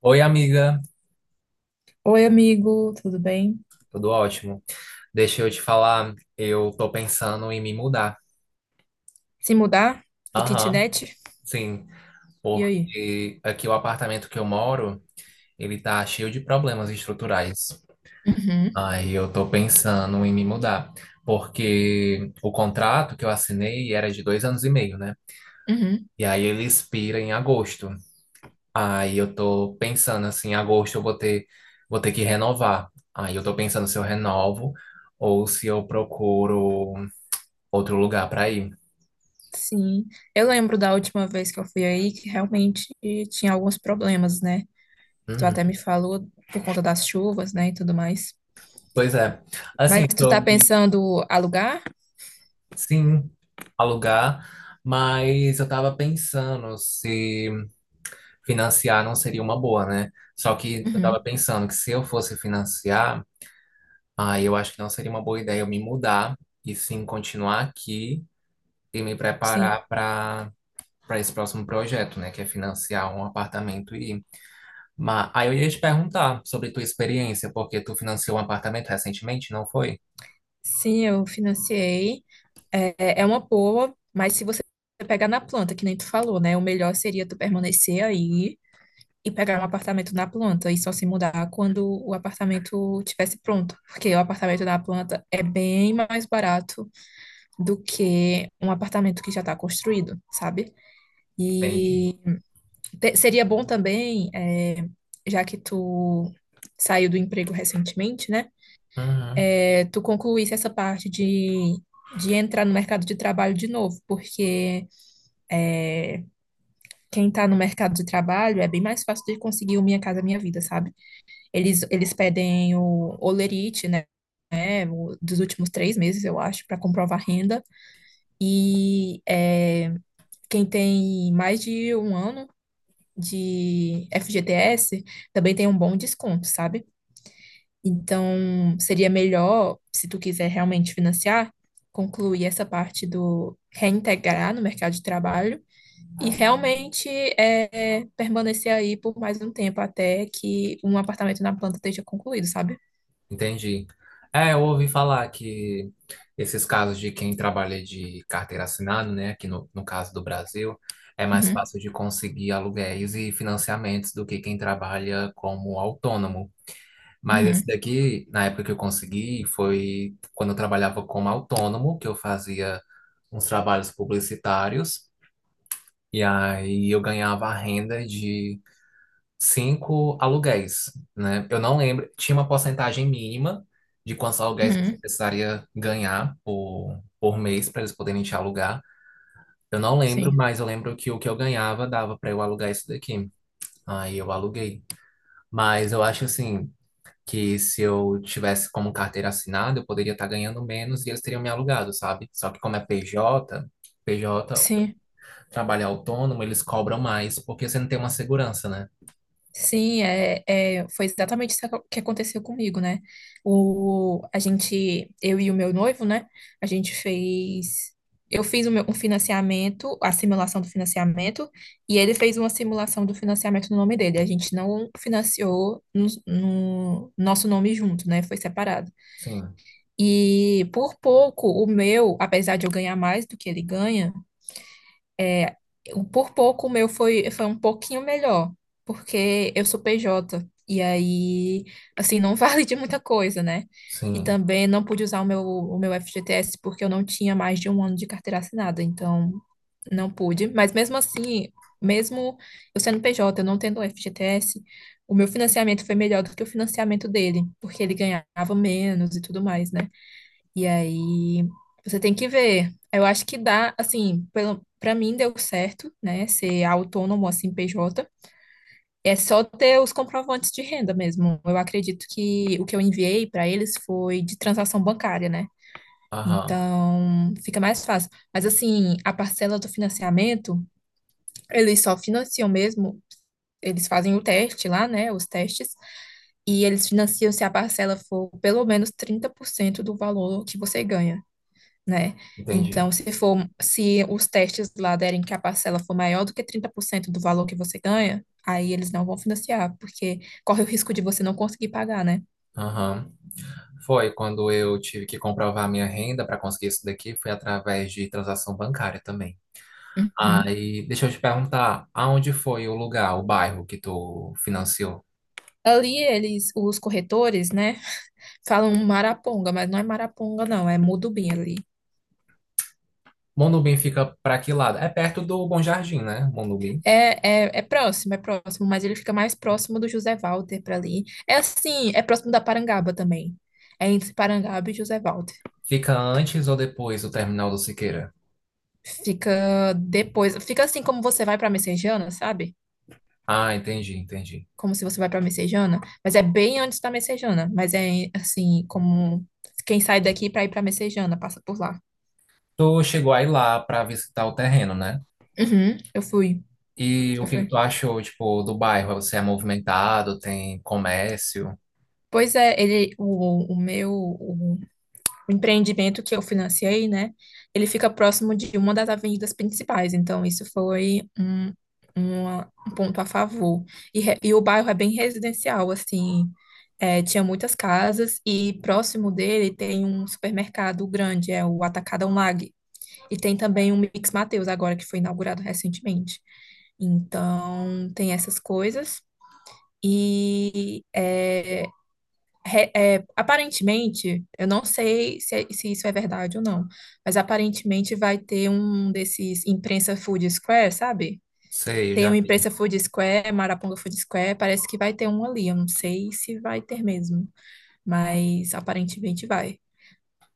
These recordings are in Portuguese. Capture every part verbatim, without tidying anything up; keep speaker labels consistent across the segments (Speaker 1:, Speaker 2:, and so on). Speaker 1: Oi, amiga,
Speaker 2: Oi, amigo, tudo bem?
Speaker 1: tudo ótimo. Deixa eu te falar, eu tô pensando em me mudar.
Speaker 2: Se mudar do
Speaker 1: Aham,
Speaker 2: kitnet?
Speaker 1: sim,
Speaker 2: E aí?
Speaker 1: porque aqui o apartamento que eu moro, ele tá cheio de problemas estruturais.
Speaker 2: Uhum,
Speaker 1: Aí eu tô pensando em me mudar, porque o contrato que eu assinei era de dois anos e meio, né?
Speaker 2: uhum.
Speaker 1: E aí ele expira em agosto. Aí eu tô pensando assim, em agosto eu vou ter, vou ter que renovar. Aí eu tô pensando se eu renovo ou se eu procuro outro lugar para ir.
Speaker 2: Sim, eu lembro da última vez que eu fui aí que realmente tinha alguns problemas, né? Que tu
Speaker 1: Uhum.
Speaker 2: até me falou por conta das chuvas, né, e tudo mais.
Speaker 1: Pois é. Assim,
Speaker 2: Mas tu tá
Speaker 1: sobre,
Speaker 2: pensando alugar?
Speaker 1: sim, alugar, mas eu tava pensando se financiar não seria uma boa, né? Só que eu tava
Speaker 2: Uhum,
Speaker 1: pensando que se eu fosse financiar, aí eu acho que não seria uma boa ideia eu me mudar e sim continuar aqui e me
Speaker 2: sim.
Speaker 1: preparar para para esse próximo projeto, né, que é financiar um apartamento e mas aí eu ia te perguntar sobre tua experiência, porque tu financiou um apartamento recentemente, não foi?
Speaker 2: Sim, eu financiei. É, é uma boa, mas se você pegar na planta, que nem tu falou, né? O melhor seria tu permanecer aí e pegar um apartamento na planta e só se mudar quando o apartamento tivesse pronto, porque o apartamento na planta é bem mais barato do que um apartamento que já está construído, sabe? E
Speaker 1: Entendi.
Speaker 2: te- seria bom também, é, já que tu saiu do emprego recentemente, né?
Speaker 1: Uhum.
Speaker 2: É, tu concluísse essa parte de, de entrar no mercado de trabalho de novo, porque é, quem está no mercado de trabalho é bem mais fácil de conseguir o Minha Casa Minha Vida, sabe? Eles, eles pedem o olerite, né? Né, o- dos últimos três meses, eu acho, para comprovar renda. E é, quem tem mais de um ano de F G T S também tem um bom desconto, sabe? Então, seria melhor, se tu quiser realmente financiar, concluir essa parte do reintegrar no mercado de trabalho e realmente é, permanecer aí por mais um tempo até que um apartamento na planta esteja concluído, sabe?
Speaker 1: Entendi. É, eu ouvi falar que esses casos de quem trabalha de carteira assinada, né, aqui no, no caso do Brasil, é mais
Speaker 2: Uhum,
Speaker 1: fácil de conseguir aluguéis e financiamentos do que quem trabalha como autônomo. Mas esse
Speaker 2: uhum,
Speaker 1: daqui, na época que eu consegui, foi quando eu trabalhava como autônomo, que eu fazia uns trabalhos publicitários, e aí eu ganhava a renda de cinco aluguéis, né? Eu não lembro, tinha uma porcentagem mínima de quantos aluguéis você
Speaker 2: uhum,
Speaker 1: precisaria ganhar por, por mês para eles poderem te alugar. Eu não lembro,
Speaker 2: sim,
Speaker 1: mas eu lembro que o que eu ganhava dava para eu alugar isso daqui. Aí eu aluguei. Mas eu acho assim que se eu tivesse como carteira assinada, eu poderia estar ganhando menos e eles teriam me alugado, sabe? Só que como é P J, PJ,
Speaker 2: sim,
Speaker 1: trabalho autônomo, eles cobram mais porque você não tem uma segurança, né?
Speaker 2: sim, é, é, foi exatamente isso que aconteceu comigo, né? O, a gente, eu e o meu noivo, né? A gente fez, eu fiz o meu, um financiamento, a simulação do financiamento, e ele fez uma simulação do financiamento no nome dele. A gente não financiou no, no nosso nome junto, né? Foi separado.
Speaker 1: Sim,
Speaker 2: E por pouco, o meu, apesar de eu ganhar mais do que ele ganha, eu- por pouco o meu foi, foi um pouquinho melhor, porque eu sou P J, e aí, assim, não vale de muita coisa, né? E
Speaker 1: sim.
Speaker 2: também não pude usar o meu, o meu F G T S porque eu não tinha mais de um ano de carteira assinada, então não pude. Mas mesmo assim, mesmo eu sendo P J, eu não tendo o F G T S, o meu financiamento foi melhor do que o financiamento dele, porque ele ganhava menos e tudo mais, né? E aí você tem que ver. Eu acho que dá, assim, pelo, para mim deu certo, né? Ser autônomo assim, P J. É só ter os comprovantes de renda mesmo. Eu acredito que o que eu enviei para eles foi de transação bancária, né?
Speaker 1: Aham.
Speaker 2: Então, fica mais fácil. Mas assim, a parcela do financiamento, eles só financiam mesmo, eles fazem o teste lá, né, os testes, e eles financiam se a parcela for pelo menos trinta por cento do valor que você ganha, né?
Speaker 1: Entendi.
Speaker 2: Então, se for, se os testes lá derem que a parcela for maior do que trinta por cento do valor que você ganha, aí eles não vão financiar, porque corre o risco de você não conseguir pagar, né?
Speaker 1: Aham. Foi quando eu tive que comprovar minha renda para conseguir isso daqui, foi através de transação bancária também.
Speaker 2: Uhum.
Speaker 1: Aí, deixa eu te perguntar, aonde foi o lugar, o bairro que tu financiou?
Speaker 2: Ali eles, os corretores, né, falam Maraponga, mas não é Maraponga, não, é Mudubim ali.
Speaker 1: Monubim fica para que lado? É perto do Bom Jardim, né? Monubim.
Speaker 2: É, é, é próximo, é próximo, mas ele fica mais próximo do José Walter para ali. É assim, é próximo da Parangaba também. É entre Parangaba e José Walter.
Speaker 1: Fica antes ou depois do terminal do Siqueira?
Speaker 2: Fica depois, fica assim como você vai para Messejana, sabe?
Speaker 1: Ah, entendi, entendi.
Speaker 2: Como se você vai pra Messejana, mas é bem antes da Messejana, mas é assim, como quem sai daqui pra ir pra Messejana, passa por lá.
Speaker 1: Tu chegou aí lá para visitar o terreno, né?
Speaker 2: Uhum, eu fui,
Speaker 1: E
Speaker 2: eu
Speaker 1: o que que
Speaker 2: fui.
Speaker 1: tu achou, tipo, do bairro? Você é movimentado, tem comércio?
Speaker 2: Pois é, ele, o, o meu, o empreendimento que eu financiei, né? Ele fica próximo de uma das avenidas principais, então isso foi um, uma- um ponto a favor. E, re- e o bairro é bem residencial, assim, é, tinha muitas casas e próximo dele tem um supermercado grande, é o Atacadão Lag, e tem também o Mix Mateus agora, que foi inaugurado recentemente. Então, tem essas coisas. E é, re- é, aparentemente, eu não sei se, é, se isso é verdade ou não, mas aparentemente vai ter um desses imprensa Food Square, sabe?
Speaker 1: Sei, eu
Speaker 2: Tem
Speaker 1: já
Speaker 2: o
Speaker 1: vi.
Speaker 2: imprensa Food Square, Maraponga Food Square, parece que vai ter um ali. Eu não sei se vai ter mesmo, mas aparentemente vai.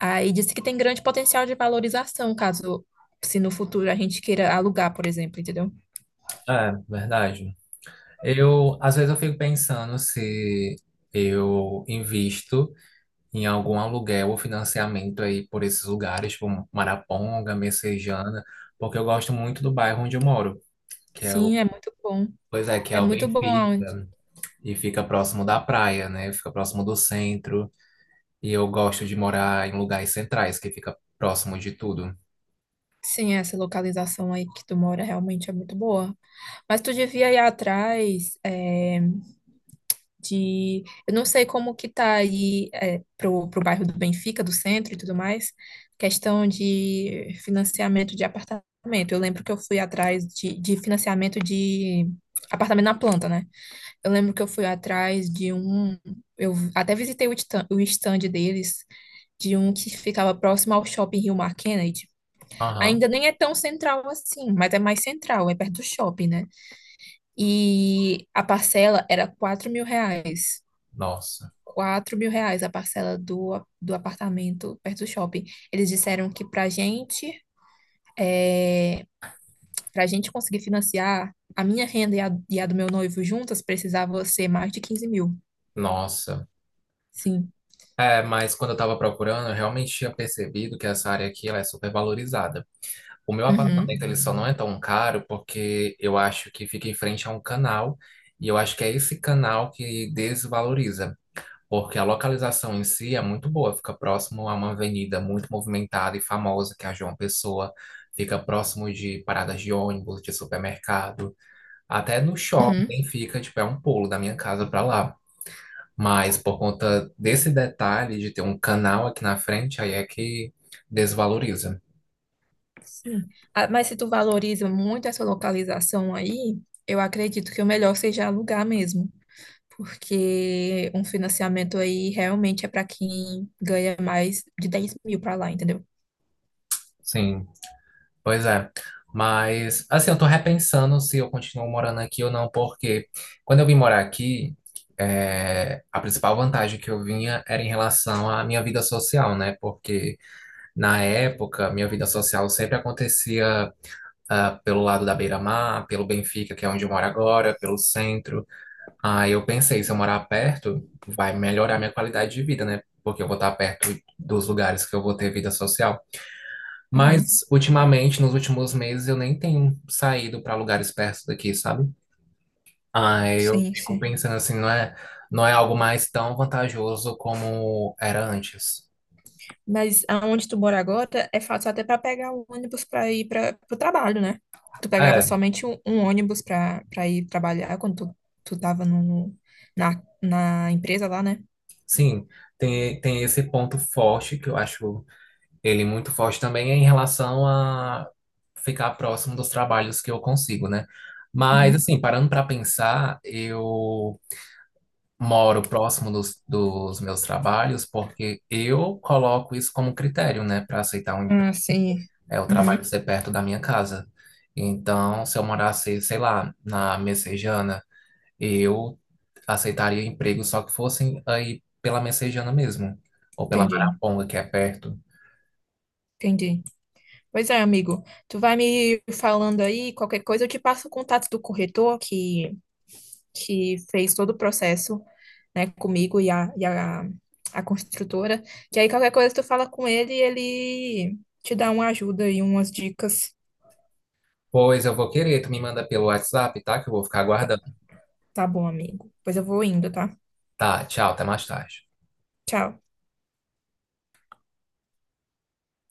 Speaker 2: Aí disse que tem grande potencial de valorização, caso se no futuro a gente queira alugar, por exemplo, entendeu?
Speaker 1: É, verdade. Eu, às vezes eu fico pensando se eu invisto em algum aluguel ou financiamento aí por esses lugares, tipo Maraponga, Messejana, porque eu gosto muito do bairro onde eu moro, que é o,
Speaker 2: Sim, é muito bom.
Speaker 1: pois é, que é
Speaker 2: É
Speaker 1: o
Speaker 2: muito bom aonde.
Speaker 1: Benfica, e fica próximo da praia, né? Fica próximo do centro, e eu gosto de morar em lugares centrais, que fica próximo de tudo.
Speaker 2: Sim, essa localização aí que tu mora realmente é muito boa. Mas tu devia ir atrás é, de. Eu não sei como que tá aí é, pro, pro bairro do Benfica, do centro e tudo mais, questão de financiamento de apartamento. Eu lembro que eu fui atrás de, de financiamento de apartamento na planta, né? Eu lembro que eu fui atrás de um. Eu até visitei o stand, o stand deles, de um que ficava próximo ao shopping Rio Mar Kennedy.
Speaker 1: Aham.
Speaker 2: Ainda nem é tão central assim, mas é mais central, é perto do shopping, né? E a parcela era quatro mil reais.
Speaker 1: Nossa,
Speaker 2: Quatro mil reais a parcela do, do apartamento perto do shopping. Eles disseram que pra gente, pra gente conseguir financiar, a minha renda e a, e a do meu noivo juntas precisava ser mais de quinze mil.
Speaker 1: nossa.
Speaker 2: Sim.
Speaker 1: É, mas quando eu estava procurando, eu realmente tinha percebido que essa área aqui ela é super valorizada. O meu
Speaker 2: Uhum.
Speaker 1: apartamento ele só não é tão caro porque eu acho que fica em frente a um canal e eu acho que é esse canal que desvaloriza, porque a localização em si é muito boa, fica próximo a uma avenida muito movimentada e famosa, que é a João Pessoa, fica próximo de paradas de ônibus, de supermercado, até no
Speaker 2: Uhum.
Speaker 1: shopping fica, tipo, é um pulo da minha casa para lá. Mas por conta desse detalhe de ter um canal aqui na frente, aí é que desvaloriza.
Speaker 2: Sim. Ah, mas se tu valoriza muito essa localização aí, eu acredito que o melhor seja alugar mesmo, porque um financiamento aí realmente é para quem ganha mais de dez mil para lá, entendeu?
Speaker 1: Sim, pois é. Mas, assim, eu tô repensando se eu continuo morando aqui ou não, porque quando eu vim morar aqui, é, a principal vantagem que eu vinha era em relação à minha vida social, né? Porque na época, minha vida social sempre acontecia, ah, pelo lado da Beira-Mar, pelo Benfica, que é onde eu moro agora, pelo centro. Aí eu pensei, se eu morar perto, vai melhorar minha qualidade de vida, né? Porque eu vou estar perto dos lugares que eu vou ter vida social.
Speaker 2: Uhum.
Speaker 1: Mas ultimamente, nos últimos meses, eu nem tenho saído para lugares perto daqui, sabe? Aí eu
Speaker 2: Sim,
Speaker 1: fico
Speaker 2: sim.
Speaker 1: pensando assim, não é, não é algo mais tão vantajoso como era antes.
Speaker 2: Mas aonde tu mora agora é fácil até para pegar o ônibus para ir para o trabalho, né? Tu pegava
Speaker 1: É,
Speaker 2: somente um, um ônibus para para ir trabalhar quando tu, tu tava no, na, na empresa lá, né?
Speaker 1: sim, tem, tem esse ponto forte que eu acho ele muito forte também é em relação a ficar próximo dos trabalhos que eu consigo, né? Mas,
Speaker 2: Uhum.
Speaker 1: assim, parando para pensar, eu moro próximo dos, dos meus trabalhos porque eu coloco isso como critério, né, para aceitar um, empre-
Speaker 2: Ah, sim.
Speaker 1: é, o trabalho
Speaker 2: Uhum.
Speaker 1: ser perto da minha casa. Então, se eu morasse, sei lá, na Messejana, eu aceitaria emprego só que fossem aí pela Messejana mesmo, ou pela
Speaker 2: Entendi,
Speaker 1: Maraponga, que é perto.
Speaker 2: entendi. Pois é, amigo. Tu vai me falando aí, qualquer coisa, eu te passo o contato do corretor que que fez todo o processo, né, comigo e a, e a, a construtora, que aí qualquer coisa tu fala com ele e ele te dá uma ajuda e umas dicas.
Speaker 1: Pois eu vou querer, tu me manda pelo WhatsApp, tá? Que eu vou ficar aguardando.
Speaker 2: Tá bom, amigo. Pois eu vou indo, tá?
Speaker 1: Tá, tchau, até mais tarde.
Speaker 2: Tchau.